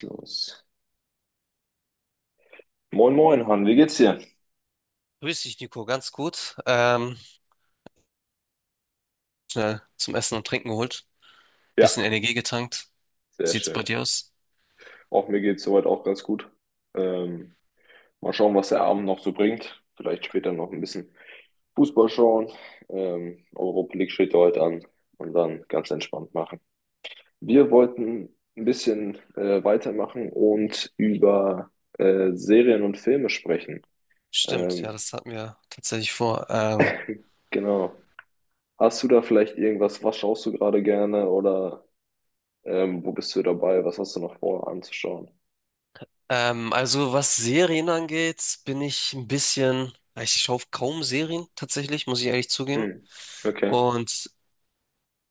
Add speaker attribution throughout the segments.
Speaker 1: Los. Moin, moin, Han, wie geht's dir?
Speaker 2: Grüß dich, Nico. Ganz gut. Schnell zum Essen und Trinken geholt.
Speaker 1: Ja,
Speaker 2: Bisschen Energie getankt. Wie
Speaker 1: sehr
Speaker 2: sieht's bei
Speaker 1: schön.
Speaker 2: dir aus?
Speaker 1: Auch mir geht's soweit auch ganz gut. Ähm, Mal schauen, was der Abend noch so bringt. Vielleicht später noch ein bisschen Fußball schauen. Europa League steht ja heute an und dann ganz entspannt machen. Wir wollten ein bisschen weitermachen und über Serien und Filme sprechen.
Speaker 2: Stimmt, ja,
Speaker 1: Ähm,
Speaker 2: das hatten wir tatsächlich vor.
Speaker 1: genau. Hast du da vielleicht irgendwas? Was schaust du gerade gerne oder wo bist du dabei? Was hast du noch vor anzuschauen?
Speaker 2: Also was Serien angeht, bin ich ein bisschen, ja, ich schaue kaum Serien tatsächlich, muss ich ehrlich zugeben.
Speaker 1: Hm. Okay.
Speaker 2: Und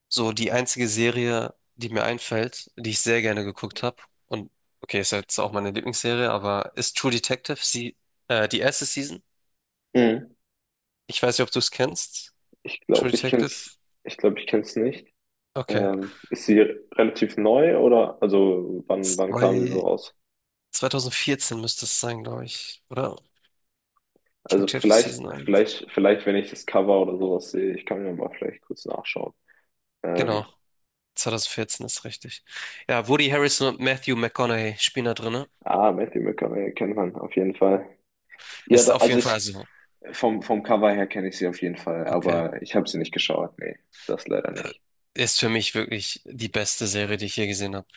Speaker 2: so die einzige Serie, die mir einfällt, die ich sehr gerne geguckt habe, und okay, ist ja jetzt auch meine Lieblingsserie, aber ist True Detective, sie, die erste Season.
Speaker 1: Hm.
Speaker 2: Ich weiß nicht, ob du es kennst.
Speaker 1: Ich
Speaker 2: True
Speaker 1: glaube, ich
Speaker 2: Detective.
Speaker 1: kenn's, ich glaube, ich kenn's nicht.
Speaker 2: Okay.
Speaker 1: Ist sie relativ neu oder also wann kam sie so
Speaker 2: Zwei,
Speaker 1: raus?
Speaker 2: 2014 müsste es sein, glaube ich. Oder?
Speaker 1: Also
Speaker 2: Studiert für
Speaker 1: vielleicht,
Speaker 2: Season eins.
Speaker 1: vielleicht, vielleicht, wenn ich das Cover oder sowas sehe, ich kann mir mal vielleicht kurz nachschauen. Ähm,
Speaker 2: Genau, 2014 ist richtig. Ja, Woody Harrelson und Matthew McConaughey spielen da drin.
Speaker 1: ah, Matthew McConaughey kennt man auf jeden Fall. Ja,
Speaker 2: Ist
Speaker 1: doch,
Speaker 2: auf
Speaker 1: also
Speaker 2: jeden Fall,
Speaker 1: ich
Speaker 2: also,
Speaker 1: vom Cover her kenne ich sie auf jeden Fall,
Speaker 2: okay.
Speaker 1: aber ich habe sie nicht geschaut. Nee, das leider
Speaker 2: Äh,
Speaker 1: nicht.
Speaker 2: Ist für mich wirklich die beste Serie, die ich je gesehen habe.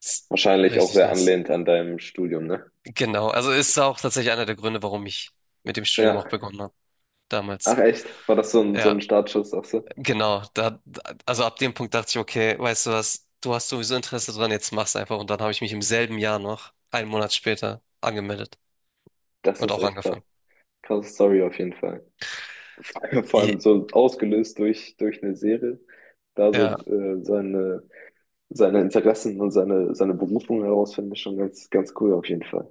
Speaker 2: Ist
Speaker 1: Wahrscheinlich auch
Speaker 2: richtig
Speaker 1: sehr
Speaker 2: nice.
Speaker 1: anlehnt an deinem Studium, ne?
Speaker 2: Genau, also ist auch tatsächlich einer der Gründe, warum ich mit dem Studium auch
Speaker 1: Ja.
Speaker 2: begonnen habe,
Speaker 1: Ach
Speaker 2: damals.
Speaker 1: echt? War das so so ein
Speaker 2: Ja.
Speaker 1: Startschuss, sagst du?
Speaker 2: Genau, da, also ab dem Punkt dachte ich, okay, weißt du was, du hast sowieso Interesse dran, jetzt mach's einfach. Und dann habe ich mich im selben Jahr noch, einen Monat später, angemeldet
Speaker 1: Das
Speaker 2: und
Speaker 1: ist
Speaker 2: auch
Speaker 1: echt krass.
Speaker 2: angefangen.
Speaker 1: Krasse Story auf jeden Fall. Vor
Speaker 2: I-
Speaker 1: allem so ausgelöst durch eine Serie, da
Speaker 2: Ja,
Speaker 1: so seine, seine Interessen und seine, seine Berufung herausfinden, ist schon ganz, ganz cool auf jeden Fall.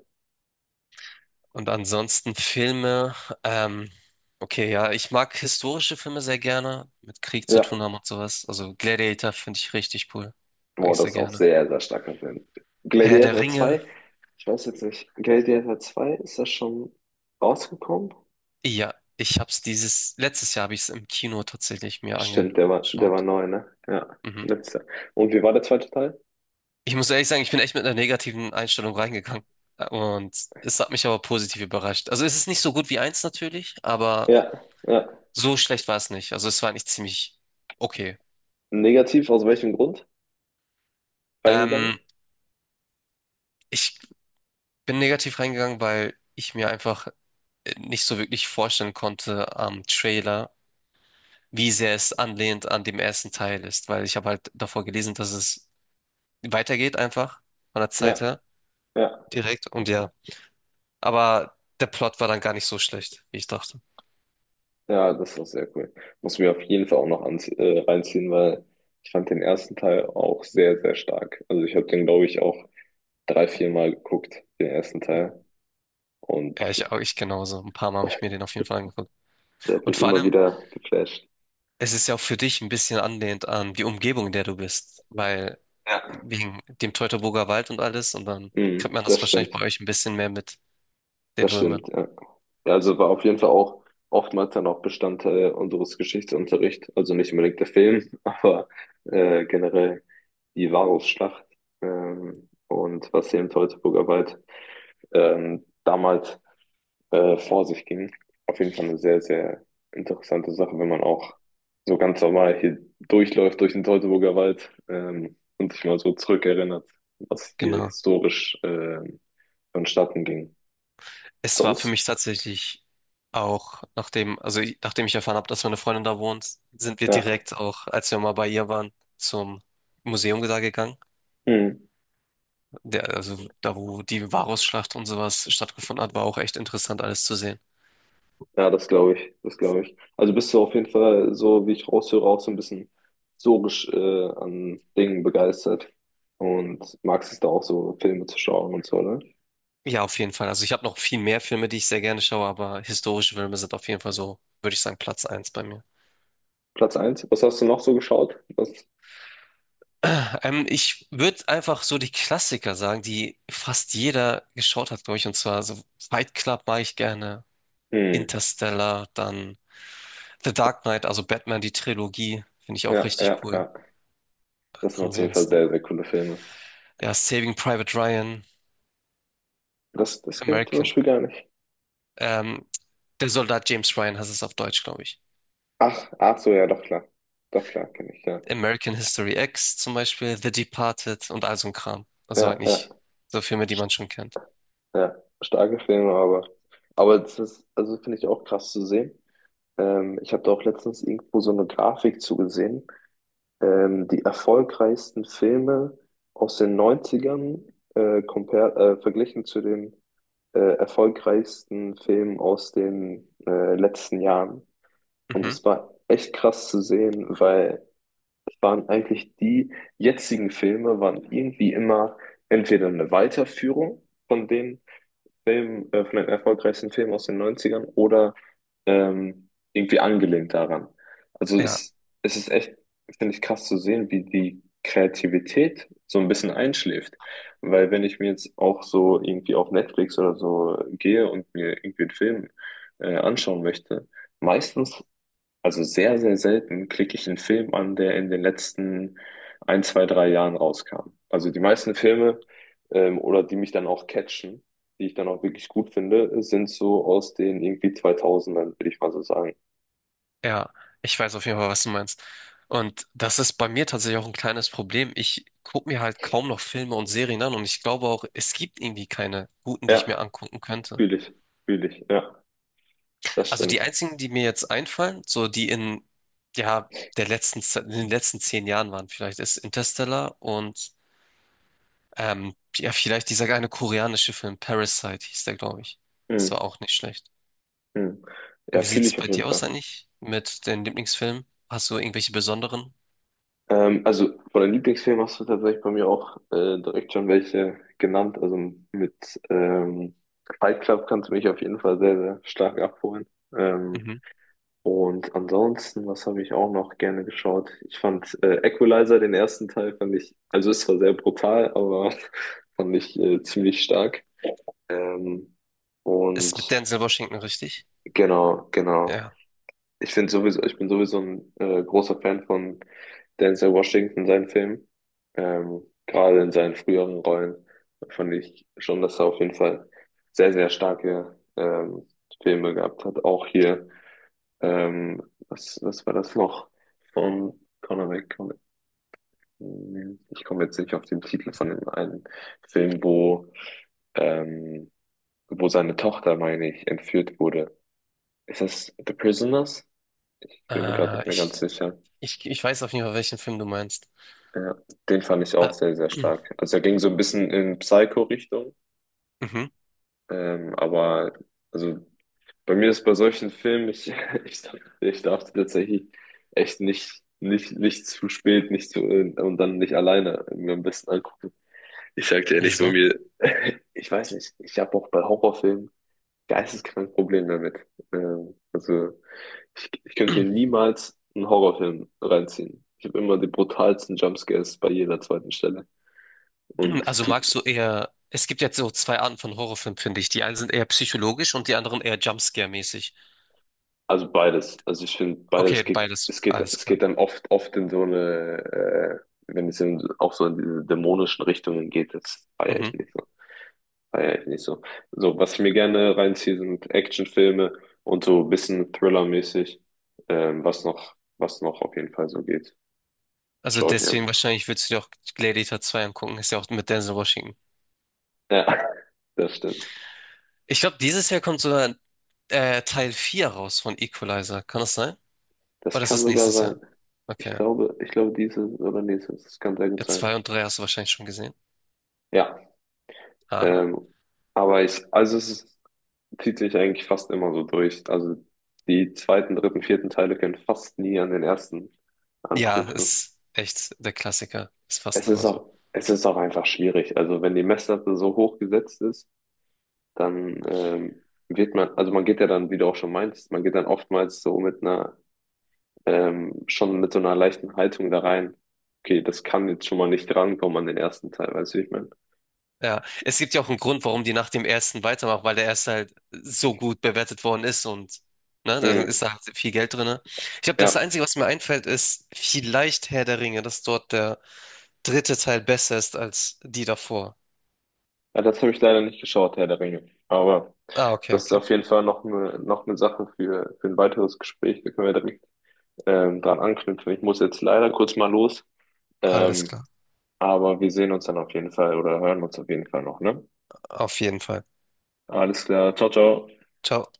Speaker 2: und ansonsten Filme, ähm, okay, ja, ich mag historische Filme sehr gerne, mit Krieg zu
Speaker 1: Ja,
Speaker 2: tun haben und sowas. Also Gladiator finde ich richtig cool, mag
Speaker 1: boah,
Speaker 2: ich
Speaker 1: das
Speaker 2: sehr
Speaker 1: ist auch
Speaker 2: gerne.
Speaker 1: sehr, sehr starker Film.
Speaker 2: Herr der
Speaker 1: Gladiator
Speaker 2: Ringe,
Speaker 1: zwei, ich weiß jetzt nicht, Gladiator zwei, ist das schon rausgekommen?
Speaker 2: ja, ich hab's dieses, letztes Jahr habe ich es im Kino tatsächlich mir
Speaker 1: Stimmt, der war
Speaker 2: angeschaut.
Speaker 1: neu, ne? Ja,
Speaker 2: Mhm.
Speaker 1: letzter. Und wie war der zweite Teil?
Speaker 2: Ich muss ehrlich sagen, ich bin echt mit einer negativen Einstellung reingegangen. Und es hat mich aber positiv überrascht. Also es ist nicht so gut wie eins natürlich, aber
Speaker 1: Ja, ja.
Speaker 2: so schlecht war es nicht. Also es war eigentlich ziemlich okay.
Speaker 1: Negativ, aus welchem Grund? Reingegangen?
Speaker 2: Ähm, Ich bin negativ reingegangen, weil ich mir einfach nicht so wirklich vorstellen konnte am Trailer, wie sehr es anlehnt an dem ersten Teil ist. Weil ich habe halt davor gelesen, dass es weitergeht einfach von der Zeit
Speaker 1: Ja,
Speaker 2: her
Speaker 1: ja.
Speaker 2: direkt. Und ja, aber der Plot war dann gar nicht so schlecht, wie ich dachte.
Speaker 1: Ja, das war sehr cool. Muss mir auf jeden Fall auch noch anzie reinziehen, weil ich fand den ersten Teil auch sehr, sehr stark. Also ich habe den, glaube ich, auch drei, vier Mal geguckt, den ersten Teil. Und
Speaker 2: Ja, ich genauso. Ein paar Mal habe ich mir den auf jeden Fall angeguckt.
Speaker 1: der hat
Speaker 2: Und
Speaker 1: mich
Speaker 2: vor
Speaker 1: immer
Speaker 2: allem,
Speaker 1: wieder geflasht.
Speaker 2: es ist ja auch für dich ein bisschen anlehnt an die Umgebung, in der du bist. Weil
Speaker 1: Ja.
Speaker 2: wegen dem Teutoburger Wald und alles. Und dann kriegt
Speaker 1: Mhm,
Speaker 2: man
Speaker 1: das
Speaker 2: das wahrscheinlich
Speaker 1: stimmt.
Speaker 2: bei euch ein bisschen mehr mit den
Speaker 1: Das
Speaker 2: Römern.
Speaker 1: stimmt, ja. Ja, also war auf jeden Fall auch oftmals dann auch Bestandteil unseres Geschichtsunterrichts. Also nicht unbedingt der Film, aber generell die Varusschlacht und was hier im Teutoburger Wald damals vor sich ging. Auf jeden Fall eine sehr, sehr interessante Sache, wenn man auch so ganz normal hier durchläuft durch den Teutoburger Wald und sich mal so zurückerinnert, was hier
Speaker 2: Genau.
Speaker 1: historisch vonstatten ging.
Speaker 2: Es war für
Speaker 1: Sonst,
Speaker 2: mich tatsächlich auch, nachdem ich erfahren habe, dass meine Freundin da wohnt, sind wir
Speaker 1: ja,
Speaker 2: direkt auch, als wir mal bei ihr waren, zum Museum da gegangen.
Speaker 1: hm.
Speaker 2: Der, also da, wo die Varusschlacht und sowas stattgefunden hat, war auch echt interessant, alles zu sehen.
Speaker 1: Ja, das glaube ich, das glaube ich. Also bist du auf jeden Fall so, wie ich raushöre, auch so ein bisschen historisch an Dingen begeistert und magst es da auch so Filme zu schauen und so, ne?
Speaker 2: Ja, auf jeden Fall. Also ich habe noch viel mehr Filme, die ich sehr gerne schaue, aber historische Filme sind auf jeden Fall so, würde ich sagen, Platz eins bei mir.
Speaker 1: Platz eins, was hast du noch so geschaut? Was?
Speaker 2: Ich würde einfach so die Klassiker sagen, die fast jeder geschaut hat, glaube ich. Und zwar so Fight Club mag ich gerne,
Speaker 1: Hm.
Speaker 2: Interstellar, dann The Dark Knight, also Batman, die Trilogie, finde ich auch
Speaker 1: Ja, ja,
Speaker 2: richtig
Speaker 1: ja.
Speaker 2: cool.
Speaker 1: Das sind auf jeden Fall
Speaker 2: Ansonsten,
Speaker 1: sehr, sehr coole Filme.
Speaker 2: ja, Saving Private Ryan,
Speaker 1: Das, das kenne ich zum
Speaker 2: American,
Speaker 1: Beispiel gar nicht.
Speaker 2: ähm, der Soldat James Ryan heißt es auf Deutsch, glaube ich.
Speaker 1: Ach, ach so, ja, doch klar. Doch klar, kenne ich, ja.
Speaker 2: American History X zum Beispiel, The Departed und all so ein Kram. Also
Speaker 1: Ja, ja,
Speaker 2: eigentlich so Filme, die man schon kennt.
Speaker 1: ja. Starke Filme, aber das ist, also finde ich auch krass zu sehen. Ich habe da auch letztens irgendwo so eine Grafik zugesehen. Die erfolgreichsten Filme aus den Neunzigern verglichen zu den erfolgreichsten Filmen aus den letzten Jahren. Und
Speaker 2: Mhm.
Speaker 1: das war echt krass zu sehen, weil waren eigentlich die jetzigen Filme, waren irgendwie immer entweder eine Weiterführung von den von den erfolgreichsten Filmen aus den Neunzigern oder irgendwie angelehnt daran. Also
Speaker 2: Ja.
Speaker 1: es ist echt, finde ich, krass zu sehen, wie die Kreativität so ein bisschen einschläft. Weil wenn ich mir jetzt auch so irgendwie auf Netflix oder so gehe und mir irgendwie einen Film anschauen möchte, meistens, also sehr, sehr selten klicke ich einen Film an, der in den letzten ein, zwei, drei Jahren rauskam. Also die meisten Filme, oder die mich dann auch catchen, die ich dann auch wirklich gut finde, sind so aus den irgendwie 2000ern, würde ich mal so sagen.
Speaker 2: Ja, ich weiß auf jeden Fall, was du meinst. Und das ist bei mir tatsächlich auch ein kleines Problem. Ich gucke mir halt kaum noch Filme und Serien an und ich glaube auch, es gibt irgendwie keine guten, die ich mir
Speaker 1: Ja,
Speaker 2: angucken könnte.
Speaker 1: fühle ich, fühle ich, ja, das
Speaker 2: Also
Speaker 1: stimmt.
Speaker 2: die einzigen, die mir jetzt einfallen, so die in, ja, der letzten, in den letzten 10 Jahren waren, vielleicht ist Interstellar und ja, vielleicht dieser eine koreanische Film, Parasite hieß der, glaube ich. Das war
Speaker 1: Mhm.
Speaker 2: auch nicht schlecht.
Speaker 1: Mhm.
Speaker 2: Und
Speaker 1: Ja,
Speaker 2: wie
Speaker 1: fühle
Speaker 2: sieht's
Speaker 1: ich auf
Speaker 2: bei
Speaker 1: jeden
Speaker 2: dir aus
Speaker 1: Fall.
Speaker 2: eigentlich mit den Lieblingsfilmen? Hast du irgendwelche besonderen?
Speaker 1: Also von den Lieblingsfilmen hast du tatsächlich bei mir auch direkt schon welche genannt. Also mit Fight Club kannst du mich auf jeden Fall sehr, sehr stark abholen. Ähm, und ansonsten, was habe ich auch noch gerne geschaut? Ich fand Equalizer, den ersten Teil, fand ich, also ist zwar sehr brutal, aber fand ich ziemlich stark. Ähm,
Speaker 2: Ist mit
Speaker 1: und
Speaker 2: Denzel Washington richtig?
Speaker 1: genau, genau.
Speaker 2: Ja.
Speaker 1: Ich finde sowieso, ich bin sowieso ein großer Fan von Denzel Washington, seinen Filmen. Gerade in seinen früheren Rollen fand ich schon, dass er auf jeden Fall sehr, sehr starke Filme gehabt hat. Auch hier, ähm, was, was war das noch? Von Conor McGregor. Ich komme jetzt nicht auf den Titel von dem einen Film, wo, ähm, wo seine Tochter, meine ich, entführt wurde. Ist das The Prisoners? Ich bin mir gerade nicht
Speaker 2: Äh,
Speaker 1: mehr ganz
Speaker 2: ich,
Speaker 1: sicher.
Speaker 2: ich weiß auf jeden Fall, welchen Film du meinst.
Speaker 1: Ja, den fand ich
Speaker 2: Äh,
Speaker 1: auch sehr, sehr stark. Also er ging so ein bisschen in Psycho-Richtung,
Speaker 2: mhm.
Speaker 1: aber also bei mir ist bei solchen Filmen, ich, ich, darf tatsächlich echt nicht, nicht, nicht zu spät, nicht zu, und dann nicht alleine mir am besten angucken. Ich sag dir ehrlich, bei
Speaker 2: Wieso?
Speaker 1: mir, ich weiß nicht, ich habe auch bei Horrorfilmen geisteskrank Probleme damit. Also ich könnte mir niemals einen Horrorfilm reinziehen. Ich habe immer die brutalsten Jumpscares bei jeder zweiten Stelle. Und
Speaker 2: Also
Speaker 1: du,
Speaker 2: magst du eher, es gibt jetzt so zwei Arten von Horrorfilmen, finde ich. Die einen sind eher psychologisch und die anderen eher Jumpscare-mäßig.
Speaker 1: also beides. Also ich finde beides
Speaker 2: Okay,
Speaker 1: geht,
Speaker 2: beides,
Speaker 1: es geht,
Speaker 2: alles
Speaker 1: es
Speaker 2: klar.
Speaker 1: geht dann oft, oft in so wenn es in, auch so in diese dämonischen Richtungen geht, das feiere ich
Speaker 2: Mhm.
Speaker 1: nicht so. Feiere ich nicht so. So, was ich mir gerne reinziehe, sind Actionfilme und so ein bisschen Thriller-mäßig, was noch auf jeden Fall so geht. Das
Speaker 2: Also
Speaker 1: schaue ich mir
Speaker 2: deswegen
Speaker 1: an.
Speaker 2: wahrscheinlich würdest du dir auch Gladiator 2 angucken, ist ja auch mit Denzel Washington.
Speaker 1: Ja, das stimmt.
Speaker 2: Ich glaube, dieses Jahr kommt sogar Teil 4 raus von Equalizer. Kann das sein?
Speaker 1: Das
Speaker 2: Oder ist
Speaker 1: kann
Speaker 2: das
Speaker 1: sogar
Speaker 2: nächstes
Speaker 1: sein.
Speaker 2: Jahr? Okay.
Speaker 1: Ich glaube, dieses oder nächstes, das kann sehr gut
Speaker 2: Ja,
Speaker 1: sein.
Speaker 2: 2 und 3 hast du wahrscheinlich schon gesehen.
Speaker 1: Ja,
Speaker 2: Ah.
Speaker 1: ähm, aber ich, also es ist, zieht sich eigentlich fast immer so durch. Also die zweiten, dritten, vierten Teile können fast nie an den ersten
Speaker 2: Ja,
Speaker 1: anknüpfen.
Speaker 2: ist echt der Klassiker. Ist fast immer so.
Speaker 1: Es ist auch einfach schwierig. Also wenn die Messlatte so hoch gesetzt ist, dann wird man, also man geht ja dann, wie du auch schon meinst, man geht dann oftmals so mit einer, schon mit so einer leichten Haltung da rein. Okay, das kann jetzt schon mal nicht rankommen an den ersten Teil, weißt du, wie ich meine?
Speaker 2: Ja, es gibt ja auch einen Grund, warum die nach dem ersten weitermachen, weil der erste halt so gut bewertet worden ist und ne, da
Speaker 1: Mhm.
Speaker 2: ist da halt viel Geld drin. Ich glaube, das
Speaker 1: Ja.
Speaker 2: Einzige, was mir einfällt, ist vielleicht Herr der Ringe, dass dort der dritte Teil besser ist als die davor.
Speaker 1: Ja, das habe ich leider nicht geschaut, Herr der Ringe. Aber
Speaker 2: Ah, okay,
Speaker 1: das ist
Speaker 2: okay.
Speaker 1: auf jeden Fall noch eine Sache für ein weiteres Gespräch. Da können wir direkt dran anknüpfen. Ich muss jetzt leider kurz mal los.
Speaker 2: Alles
Speaker 1: Ähm,
Speaker 2: klar.
Speaker 1: aber wir sehen uns dann auf jeden Fall oder hören uns auf jeden Fall noch, ne?
Speaker 2: Auf jeden Fall.
Speaker 1: Alles klar. Ciao, ciao.
Speaker 2: Ciao.